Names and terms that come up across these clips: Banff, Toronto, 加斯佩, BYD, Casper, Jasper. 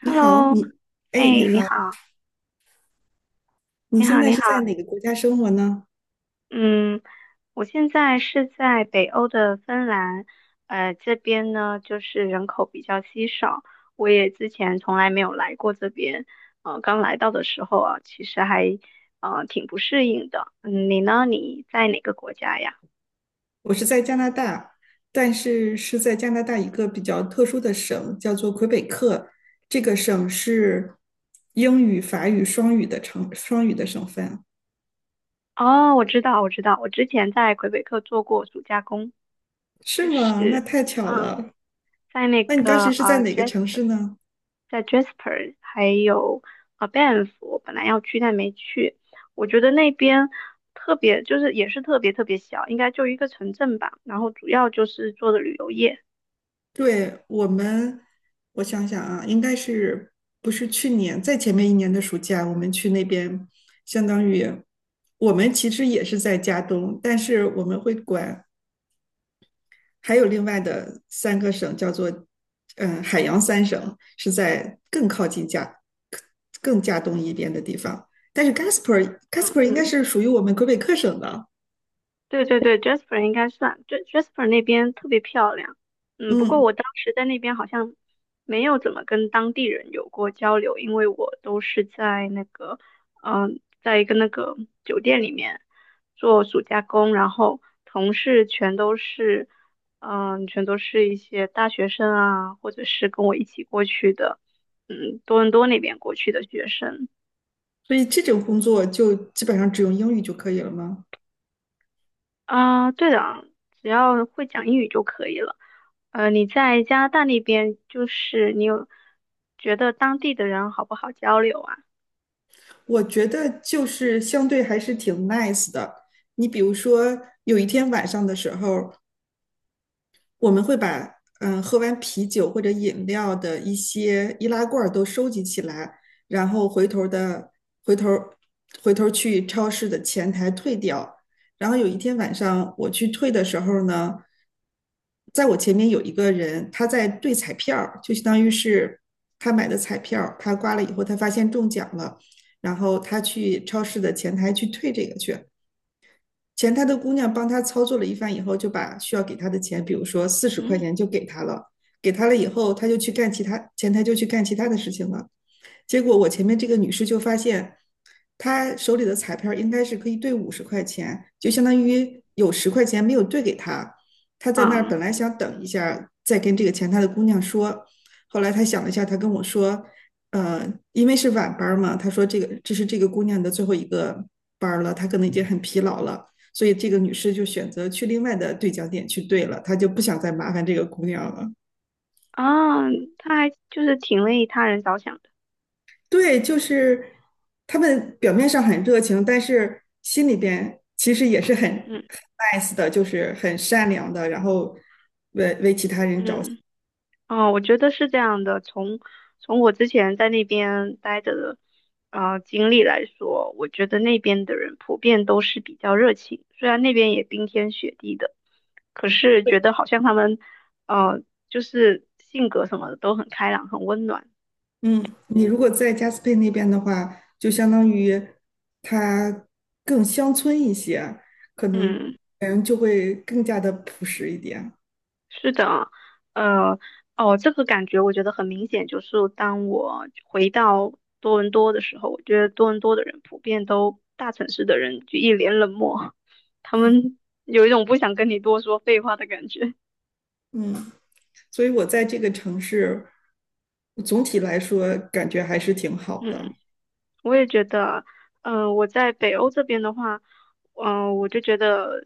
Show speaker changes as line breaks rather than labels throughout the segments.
你好，
Hello，哎，
哎，你
你
好。
好，
你
你
现
好，
在
你
是在
好，
哪个国家生活呢？
嗯，我现在是在北欧的芬兰，这边呢就是人口比较稀少，我也之前从来没有来过这边，刚来到的时候啊，其实还挺不适应的。嗯，你呢？你在哪个国家呀？
我是在加拿大，但是是在加拿大一个比较特殊的省，叫做魁北克。这个省是英语、法语双语的双语的省份。
哦，我知道，我知道，我之前在魁北克做过暑假工，
是
就
吗？那
是
太巧
嗯，
了。
在那
那你当
个
时是在哪个城市
Jasper。
呢？
在 Jasper 还有 Banff，我本来要去但没去。我觉得那边特别就是也是特别特别小，应该就一个城镇吧，然后主要就是做的旅游业。
对，我想想啊，应该是不是去年，在前面一年的暑假，我们去那边。相当于我们其实也是在加东，但是我们会管还有另外的三个省，叫做海洋三省，是在更靠近更加东一边的地方。但是 Casper
嗯，
应该是属于我们魁北克省的。
对对对，Jasper 应该算，对 Jasper 那边特别漂亮。嗯，不过
嗯，
我当时在那边好像没有怎么跟当地人有过交流，因为我都是在那个，在一个那个酒店里面做暑假工，然后同事全都是，全都是一些大学生啊，或者是跟我一起过去的，多伦多那边过去的学生。
所以这种工作就基本上只用英语就可以了吗？
啊，对的，只要会讲英语就可以了。你在加拿大那边，就是你有觉得当地的人好不好交流啊？
我觉得就是相对还是挺 nice 的。你比如说，有一天晚上的时候，我们会把喝完啤酒或者饮料的一些易拉罐都收集起来，然后回头回头去超市的前台退掉。然后有一天晚上我去退的时候呢，在我前面有一个人，他在兑彩票，就相当于是他买的彩票他刮了以后他发现中奖了，然后他去超市的前台去退这个去。前台的姑娘帮他操作了一番以后，就把需要给他的钱，比如说四十块
嗯，
钱就给他了。给他了以后，他就去干其他，前台就去干其他的事情了。结果我前面这个女士就发现，她手里的彩票应该是可以兑50块钱，就相当于有十块钱没有兑给她。她在那儿
啊
本来想等一下再跟这个前台的姑娘说，后来她想了一下，她跟我说，呃，因为是晚班嘛。她说这是这个姑娘的最后一个班了，她可能已经很疲劳了。所以这个女士就选择去另外的兑奖点去兑了，她就不想再麻烦这个姑娘了。
啊，他还就是挺为他人着想的。
对，就是他们表面上很热情，但是心里边其实也是很
嗯
nice 的，就是很善良的。然后，
嗯。哦，我觉得是这样的。从我之前在那边待着的经历来说，我觉得那边的人普遍都是比较热情，虽然那边也冰天雪地的，可是觉得好像他们呃就是性格什么的都很开朗，很温暖。
嗯，你如果在加斯佩那边的话，就相当于他更乡村一些，可能
嗯。
人就会更加的朴实一点。
是的啊，呃，哦，这个感觉我觉得很明显，就是当我回到多伦多的时候，我觉得多伦多的人普遍都大城市的人就一脸冷漠，他们 有一种不想跟你多说废话的感觉。
嗯，所以我在这个城市，总体来说感觉还是挺好的。
嗯，我也觉得，我在北欧这边的话，我就觉得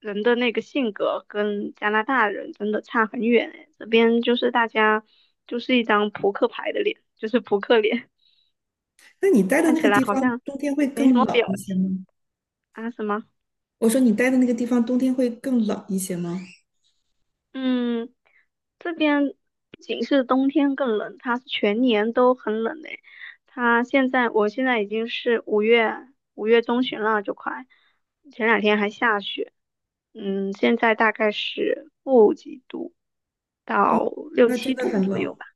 人的那个性格跟加拿大人真的差很远诶，这边就是大家就是一张扑克牌的脸，就是扑克脸。
那你待的
看
那
起
个
来
地
好
方，
像
冬天会
没什
更
么
冷
表
一些
情。
吗？
啊？什么？
我说你待的那个地方冬天会更冷一些吗？
嗯，这边不仅是冬天更冷，它是全年都很冷的。它现在，我现在已经是五月中旬了，就快，前两天还下雪。嗯，现在大概是负几度
哦，
到六
那真
七
的
度
很
左右
冷，
吧。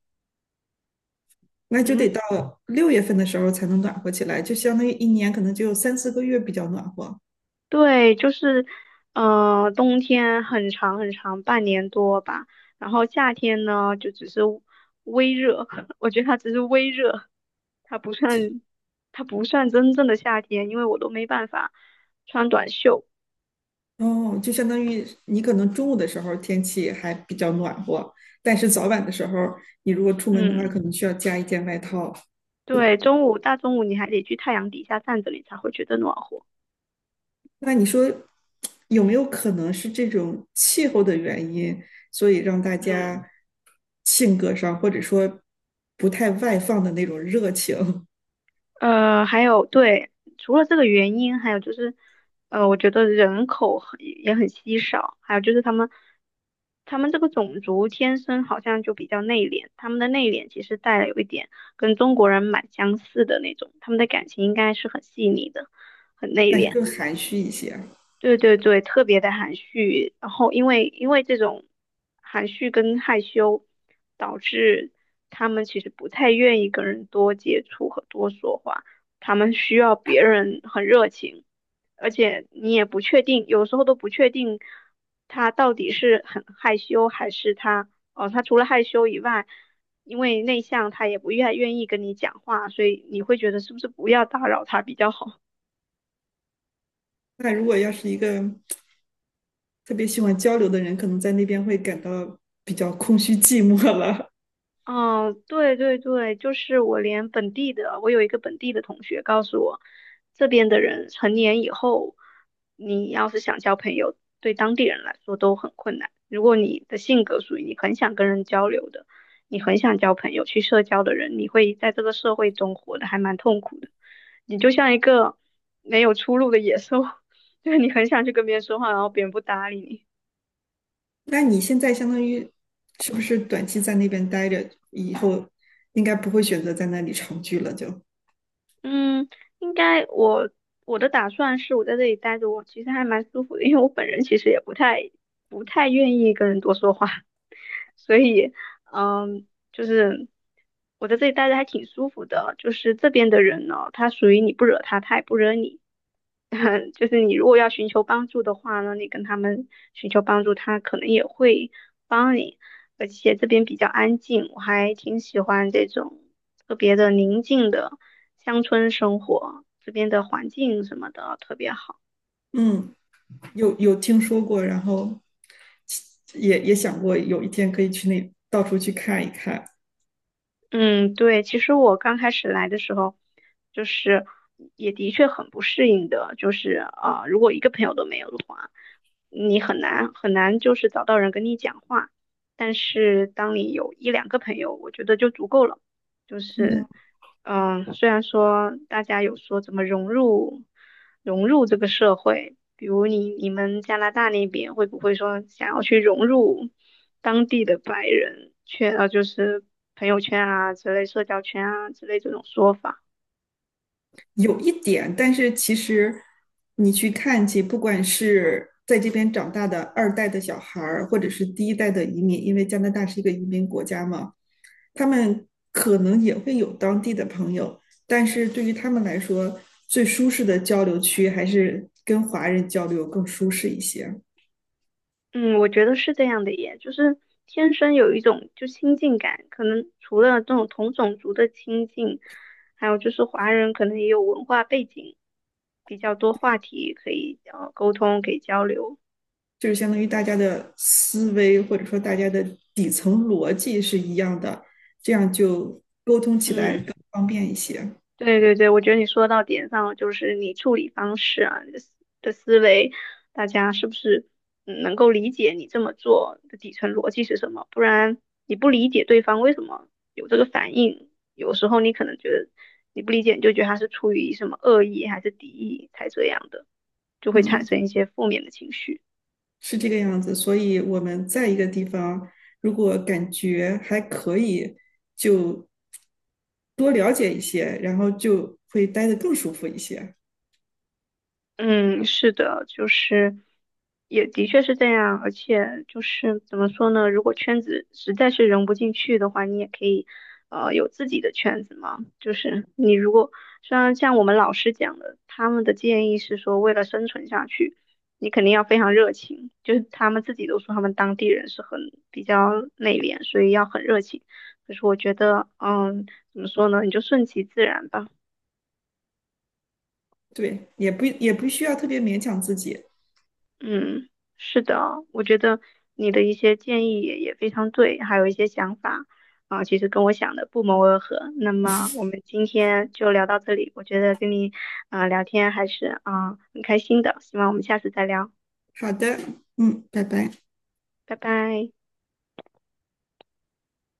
那就得
嗯。
到六月份的时候才能暖和起来，就相当于一年可能只有3、4个月比较暖和。
对，就是，冬天很长很长，半年多吧。然后夏天呢，就只是微热，我觉得它只是微热，它不算，它不算真正的夏天，因为我都没办法穿短袖。
哦，就相当于你可能中午的时候天气还比较暖和，但是早晚的时候你如果出门的话，
嗯，
可能需要加一件外套。
对，中午大中午你还得去太阳底下站着，你才会觉得暖和。
那你说有没有可能是这种气候的原因，所以让大
嗯。
家性格上或者说不太外放的那种热情？
还有对，除了这个原因，还有就是，我觉得人口很也很稀少，还有就是他们这个种族天生好像就比较内敛，他们的内敛其实带了有一点跟中国人蛮相似的那种，他们的感情应该是很细腻的，很内
但是
敛。
更含蓄一些。
对对对，特别的含蓄，然后因为这种含蓄跟害羞，导致他们其实不太愿意跟人多接触和多说话，他们需要别人很热情，而且你也不确定，有时候都不确定他到底是很害羞还是他。哦，他除了害羞以外，因为内向，他也不愿意跟你讲话，所以你会觉得是不是不要打扰他比较好。
那如果要是一个特别喜欢交流的人，可能在那边会感到比较空虚寂寞了。
哦，对对对，就是我连本地的，我有一个本地的同学告诉我，这边的人成年以后，你要是想交朋友，对当地人来说都很困难。如果你的性格属于你很想跟人交流的，你很想交朋友、去社交的人，你会在这个社会中活得还蛮痛苦的。你就像一个没有出路的野兽，就是你很想去跟别人说话，然后别人不搭理你。
那你现在相当于是不是短期在那边待着，以后应该不会选择在那里长居了？
嗯，应该我的打算是我在这里待着，我其实还蛮舒服的，因为我本人其实也不太愿意跟人多说话，所以嗯，就是我在这里待着还挺舒服的。就是这边的人呢，他属于你不惹他，他也不惹你，就是你如果要寻求帮助的话呢，你跟他们寻求帮助，他可能也会帮你。而且这边比较安静，我还挺喜欢这种特别的宁静的乡村生活，这边的环境什么的特别好。
嗯，有听说过，然后也想过有一天可以去那到处去看一看。
嗯，对，其实我刚开始来的时候，就是也的确很不适应的，就是啊、如果一个朋友都没有的话，你很难很难就是找到人跟你讲话。但是当你有一两个朋友，我觉得就足够了。就
嗯。
是，虽然说大家有说怎么融入这个社会，比如你们加拿大那边会不会说想要去融入当地的白人圈，就是朋友圈啊之类、社交圈啊之类这种说法？
有一点，但是其实你去看去，不管是在这边长大的二代的小孩儿，或者是第一代的移民，因为加拿大是一个移民国家嘛，他们可能也会有当地的朋友，但是对于他们来说，最舒适的交流区还是跟华人交流更舒适一些，
嗯，我觉得是这样的耶，就是天生有一种就亲近感，可能除了这种同种族的亲近，还有就是华人可能也有文化背景，比较多话题可以沟通，可以交流。
就是相当于大家的思维或者说大家的底层逻辑是一样的，这样就沟通起
嗯。
来更方便一些。
对对对，我觉得你说到点上了，就是你处理方式啊，你的思维，大家是不是能够理解你这么做的底层逻辑是什么？不然你不理解对方为什么有这个反应，有时候你可能觉得你不理解，你就觉得他是出于什么恶意还是敌意才这样的，就会产
嗯。
生一些负面的情绪。
是这个样子，所以我们在一个地方，如果感觉还可以，就多了解一些，然后就会待得更舒服一些。
嗯，是的，就是也的确是这样，而且就是怎么说呢？如果圈子实在是融不进去的话，你也可以有自己的圈子嘛。就是你如果虽然像我们老师讲的，他们的建议是说，为了生存下去，你肯定要非常热情。就是他们自己都说他们当地人是很比较内敛，所以要很热情。可是我觉得，嗯，怎么说呢？你就顺其自然吧。
对，也不需要特别勉强自己。
嗯，是的哦，我觉得你的一些建议也非常对，还有一些想法啊，其实跟我想的不谋而合。那么我们今天就聊到这里，我觉得跟你啊聊天还是啊很开心的，希望我们下次再聊，
好的，嗯，拜拜。
拜拜。